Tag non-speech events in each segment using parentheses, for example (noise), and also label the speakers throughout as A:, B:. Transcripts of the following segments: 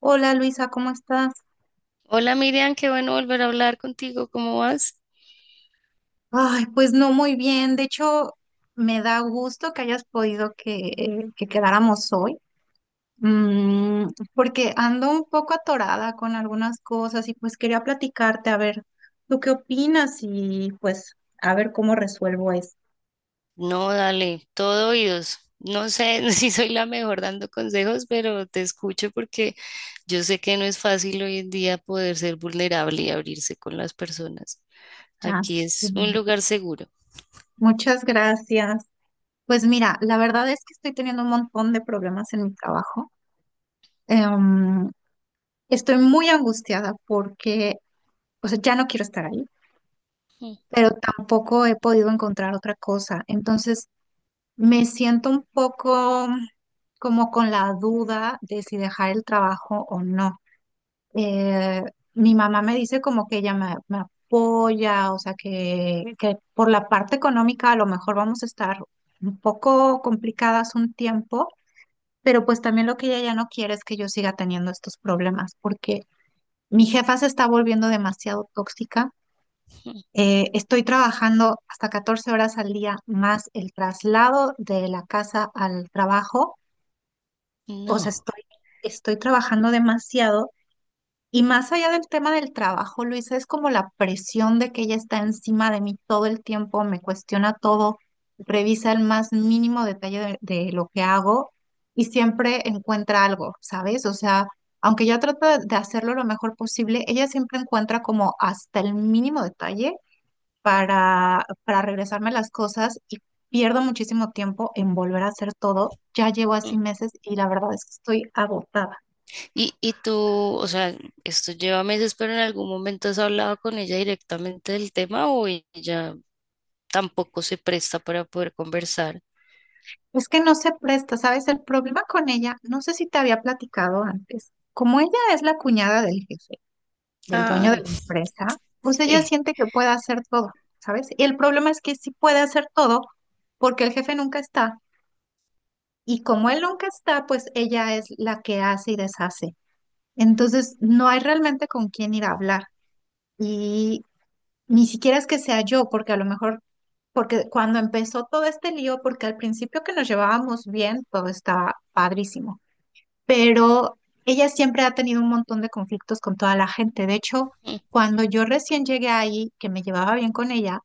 A: Hola Luisa, ¿cómo estás?
B: Hola Miriam, qué bueno volver a hablar contigo, ¿cómo vas?
A: Ay, pues no muy bien. De hecho, me da gusto que hayas podido que quedáramos hoy. Mm, Porque ando un poco atorada con algunas cosas y pues quería platicarte a ver, ¿tú qué opinas? Y pues a ver cómo resuelvo esto.
B: No, dale, todo oídos. No sé (laughs) si soy la mejor dando consejos, pero te escucho porque yo sé que no es fácil hoy en día poder ser vulnerable y abrirse con las personas.
A: Ya
B: Aquí
A: sé.
B: es un lugar seguro.
A: Muchas gracias. Pues mira, la verdad es que estoy teniendo un montón de problemas en mi trabajo. Em, Estoy muy angustiada porque, o sea, ya no quiero estar ahí,
B: Ujú.
A: pero tampoco he podido encontrar otra cosa. Entonces, me siento un poco como con la duda de si dejar el trabajo o no. Eh, Mi mamá me dice como que ella me apoya, o sea, que por la parte económica a lo mejor vamos a estar un poco complicadas un tiempo, pero pues también lo que ella ya no quiere es que yo siga teniendo estos problemas, porque mi jefa se está volviendo demasiado tóxica. Estoy trabajando hasta 14 horas al día más el traslado de la casa al trabajo. O sea,
B: No.
A: estoy trabajando demasiado. Y más allá del tema del trabajo, Luisa, es como la presión de que ella está encima de mí todo el tiempo, me cuestiona todo, revisa el más mínimo detalle de lo que hago y siempre encuentra algo, ¿sabes? O sea, aunque yo trato de hacerlo lo mejor posible, ella siempre encuentra como hasta el mínimo detalle para regresarme las cosas y pierdo muchísimo tiempo en volver a hacer todo. Ya llevo así
B: Ujú.
A: meses y la verdad es que estoy agotada.
B: Y tú, o sea, esto lleva meses, pero en algún momento has hablado con ella directamente del tema o ella tampoco se presta para poder conversar.
A: Es que no se presta, ¿sabes? El problema con ella, no sé si te había platicado antes, como ella es la cuñada del jefe, del
B: Ah,
A: dueño de la empresa, pues ella
B: (laughs)
A: siente que puede hacer todo, ¿sabes? Y el problema es que sí puede hacer todo porque el jefe nunca está. Y como él nunca está, pues ella es la que hace y deshace. Entonces, no hay realmente con quién ir a hablar. Y ni siquiera es que sea yo, porque a lo mejor, porque cuando empezó todo este lío, porque al principio que nos llevábamos bien, todo estaba padrísimo, pero ella siempre ha tenido un montón de conflictos con toda la gente. De hecho,
B: sí.
A: cuando yo recién llegué ahí, que me llevaba bien con ella,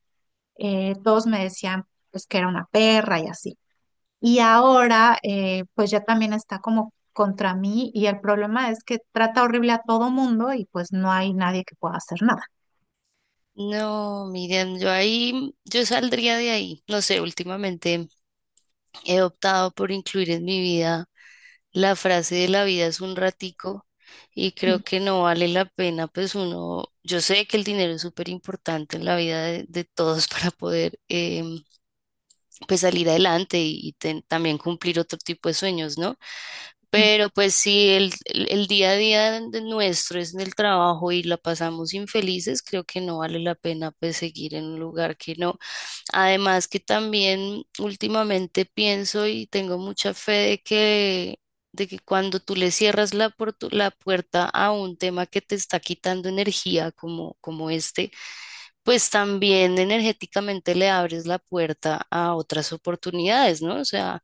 A: todos me decían pues que era una perra y así. Y ahora, pues ya también está como contra mí, y el problema es que trata horrible a todo mundo y pues no hay nadie que pueda hacer nada.
B: No, Miriam, yo ahí, yo saldría de ahí. No sé, últimamente he optado por incluir en mi vida la frase de la vida es un ratico y creo que no vale la pena, pues uno, yo sé que el dinero es súper importante en la vida de todos (laughs) para poder pues salir adelante y ten- también cumplir otro tipo de sueños, ¿no? Pero pues si el, el día a día de nuestro es en el trabajo y la pasamos infelices, creo que no vale la pena pues seguir en un lugar que no. Además que también últimamente pienso y tengo mucha fe de que cuando tú le cierras la, portu- la puerta a un tema que te está quitando energía como, como este, pues también energéticamente le abres la puerta a otras oportunidades, ¿no? O sea,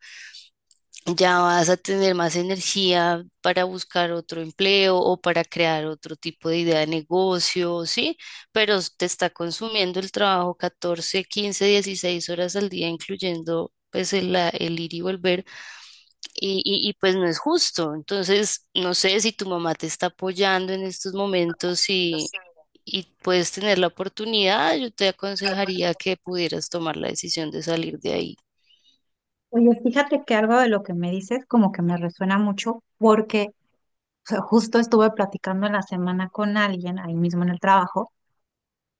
B: ya vas a tener más energía para buscar otro empleo o para crear otro tipo de idea de negocio, ¿sí? Pero s- te está consumiendo el trabajo 14 15 16 horas al día, incluyendo pues el, la- el ir y volver, pues no es justo. Entonces, no sé si tu mamá te está apoyando en estos momentos y puedes tener la oportunidad, yo te aconsejaría que pudieras tomar la decisión de salir de ahí,
A: Oye, fíjate que algo de lo que me dices como que me resuena mucho porque, o sea, justo estuve platicando en la semana con alguien ahí mismo en el trabajo,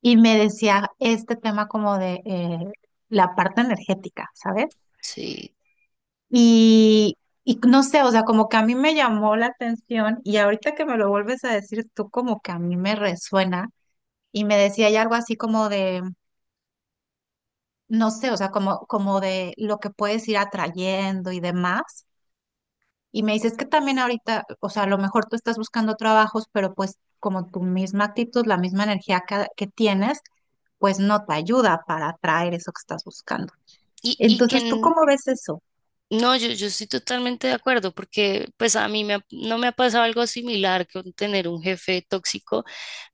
A: y me decía este tema como de la parte energética, ¿sabes?
B: ¿sí?
A: Y, y no sé, o sea, como que a mí me llamó la atención, y ahorita que me lo vuelves a decir tú como que a mí me resuena, y me decía ya algo así como de, no sé, o sea, como de lo que puedes ir atrayendo y demás. Y me dices que también ahorita, o sea, a lo mejor tú estás buscando trabajos, pero pues como tu misma actitud, la misma energía que tienes, pues no te ayuda para atraer eso que estás buscando.
B: Y
A: Entonces, ¿tú
B: que
A: cómo ves eso?
B: no, yo estoy totalmente de acuerdo porque pues a mí me ha- no me ha pasado algo similar con tener un jefe tóxico,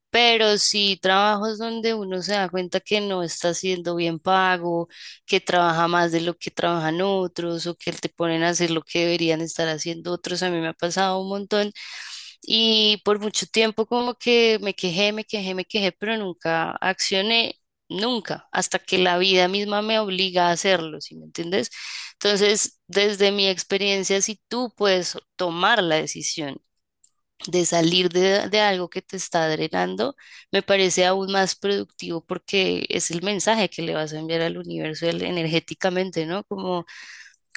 B: pero sí trabajos donde uno se da cuenta que no está siendo bien pago, que trabaja más de lo que trabajan otros o que te ponen a hacer lo que deberían estar haciendo otros. A mí me ha pasado un montón y por mucho tiempo como que me quejé, me quejé, me quejé, pero nunca accioné, nunca, hasta que la vida misma me obliga a hacerlo, ¿sí me entiendes? Entonces, desde mi experiencia, si tú puedes tomar la decisión de salir de algo que te está drenando, me parece aún más productivo porque es el mensaje que le vas a enviar al universo el- energéticamente, ¿no?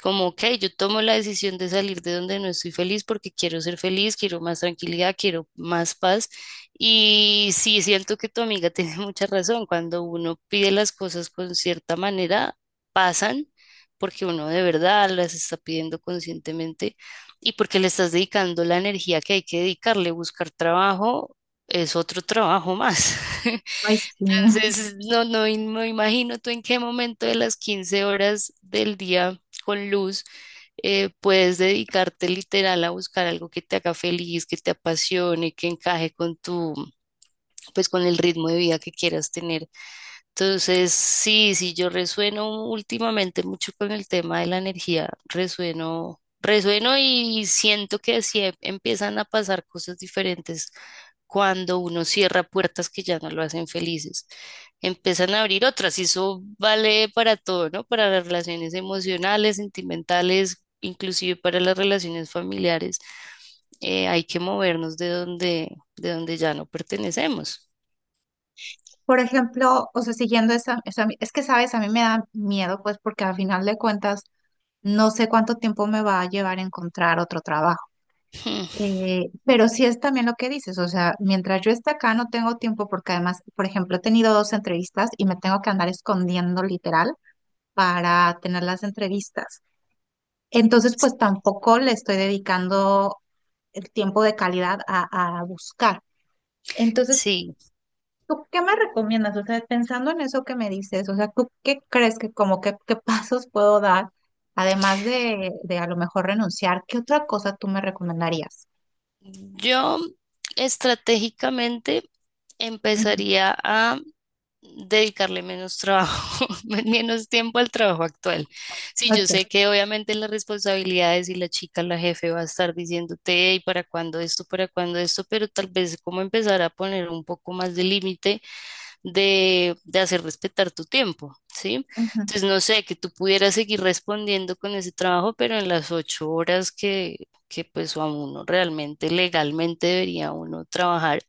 B: Como, ok, yo tomo la decisión de salir de donde no estoy feliz porque quiero ser feliz, quiero más tranquilidad, quiero más paz. Y sí, siento que tu amiga (laughs) tiene mucha razón. Cuando uno pide las cosas con cierta manera, pasan porque uno de verdad las está pidiendo conscientemente y porque le estás dedicando la energía que hay que dedicarle. Buscar trabajo es otro trabajo más. (laughs)
A: Ay, sí.
B: Entonces, im- no imagino tú en qué momento de las 15 horas del día con luz, puedes dedicarte literal a buscar algo que te haga feliz, que te apasione, que encaje con tu, pues con el ritmo de vida que quieras tener. Entonces, sí, sí, yo resueno últimamente mucho con el tema de la energía, resueno, resueno y siento que así em- empiezan a pasar cosas diferentes cuando uno cierra puertas que ya no lo hacen felices. Empiezan a abrir otras y eso vale para todo, ¿no? Para las relaciones emocionales, sentimentales, inclusive para las relaciones familiares. Hay que movernos de donde ya no pertenecemos.
A: Por ejemplo, o sea, siguiendo es que sabes, a mí me da miedo, pues porque al final de cuentas no sé cuánto tiempo me va a llevar encontrar otro trabajo.
B: (laughs) Hmm.
A: Pero sí es también lo que dices, o sea, mientras yo esté acá no tengo tiempo porque además, por ejemplo, he tenido dos entrevistas y me tengo que andar escondiendo literal para tener las entrevistas. Entonces, pues tampoco le estoy dedicando el tiempo de calidad a buscar. Entonces,
B: Sí,
A: ¿tú qué me recomiendas? O sea, pensando en eso que me dices, o sea, ¿tú qué crees que como que qué (laughs) pasos puedo dar, además de a lo mejor renunciar? ¿Qué otra cosa tú me recomendarías?
B: yo estratégicamente
A: Ujú,
B: empezaría a dedicarle menos trabajo, (laughs) men- menos tiempo al trabajo actual. Sí, yo
A: ok,
B: sé que obviamente las responsabilidades y la chica, la jefe va a estar diciéndote, y para cuándo esto, pero tal vez como empezar a poner un poco más de límite de hacer respetar tu tiempo, ¿sí?
A: ujú,
B: Entonces, no sé, que tú pudieras seguir respondiendo con ese trabajo, pero en las 8 horas que pues a uno realmente legalmente debería uno trabajar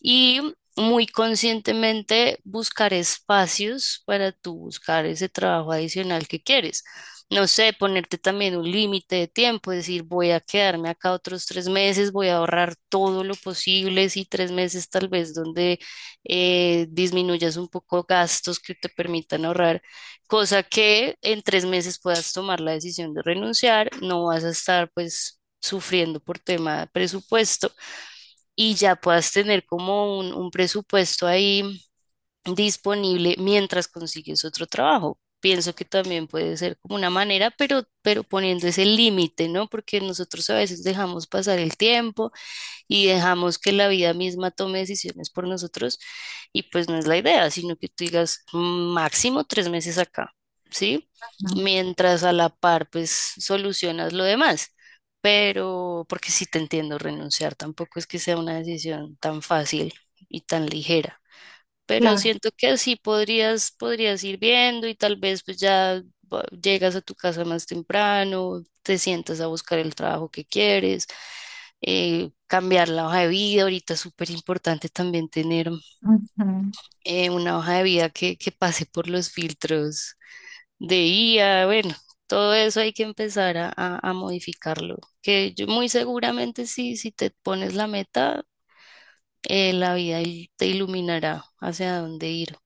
B: y muy conscientemente buscar espacios para tú buscar ese trabajo adicional que quieres. No sé, ponerte también un límite de tiempo, decir, voy a quedarme acá otros 3 meses, voy a ahorrar todo lo posible, si 3 meses tal vez donde disminuyas un poco gastos que te permitan ahorrar, cosa que en 3 meses puedas tomar la decisión de renunciar, no vas a estar pues sufriendo por tema de presupuesto y ya puedas tener como un presupuesto ahí disponible mientras consigues otro trabajo. Pienso que también puede ser como una manera, pero poniendo ese límite, ¿no? Porque nosotros a veces dejamos pasar el tiempo y dejamos que la vida misma tome decisiones por nosotros y pues no es la idea, sino que tú digas máximo 3 meses acá, ¿sí?
A: ujú.
B: Mientras a la par pues solucionas lo demás. Pero, porque sí te entiendo, renunciar tampoco es que sea una decisión tan fácil y tan ligera, pero
A: Claro.
B: siento que así podrías, podrías ir viendo y tal vez pues ya va- llegas a tu casa más temprano, te sientas a buscar el trabajo que quieres, cambiar la hoja de vida. Ahorita es súper importante también tener
A: Ujú.
B: una hoja de vida que pase por los filtros de IA, bueno. Todo eso hay que empezar a modificarlo, que yo muy seguramente sí, si te pones la meta, la vida il- te iluminará hacia dónde ir.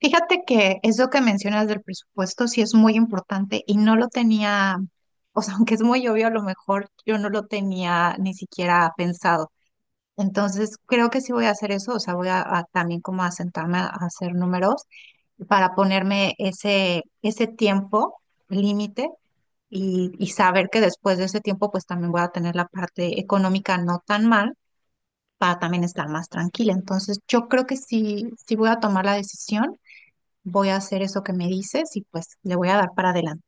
A: Fíjate que eso que mencionas del presupuesto sí es muy importante y no lo tenía, o sea, (laughs) aunque es muy obvio, a lo mejor yo no lo tenía ni siquiera pensado. Entonces, creo que sí voy a hacer eso, o sea, voy a también como a sentarme a hacer números para ponerme ese tiempo límite y saber que después de ese tiempo pues también voy a tener la parte económica no tan mal para también estar más tranquila. Entonces, yo creo que sí, sí voy a tomar la decisión, voy a hacer eso que me dices y pues le voy a dar para adelante.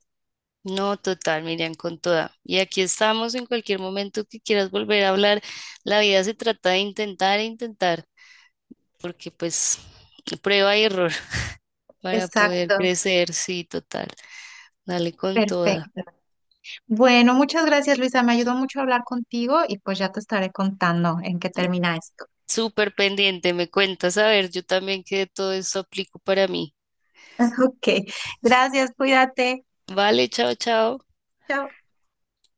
B: No, total, Miriam, con toda. Y aquí estamos en cualquier momento que quieras volver a hablar. La vida se trata de intentar e intentar, porque pues prueba y error (laughs) para poder
A: Exacto.
B: crecer, sí, total. Dale con toda.
A: Perfecto. Bueno, muchas gracias, Luisa. Me ayudó mucho hablar contigo y pues ya te estaré contando en qué termina esto.
B: Súper pendiente, me cuentas, a ver, yo también que todo esto aplico para mí.
A: (laughs) Ok, gracias, cuídate.
B: Vale, chao, chao.
A: Chao.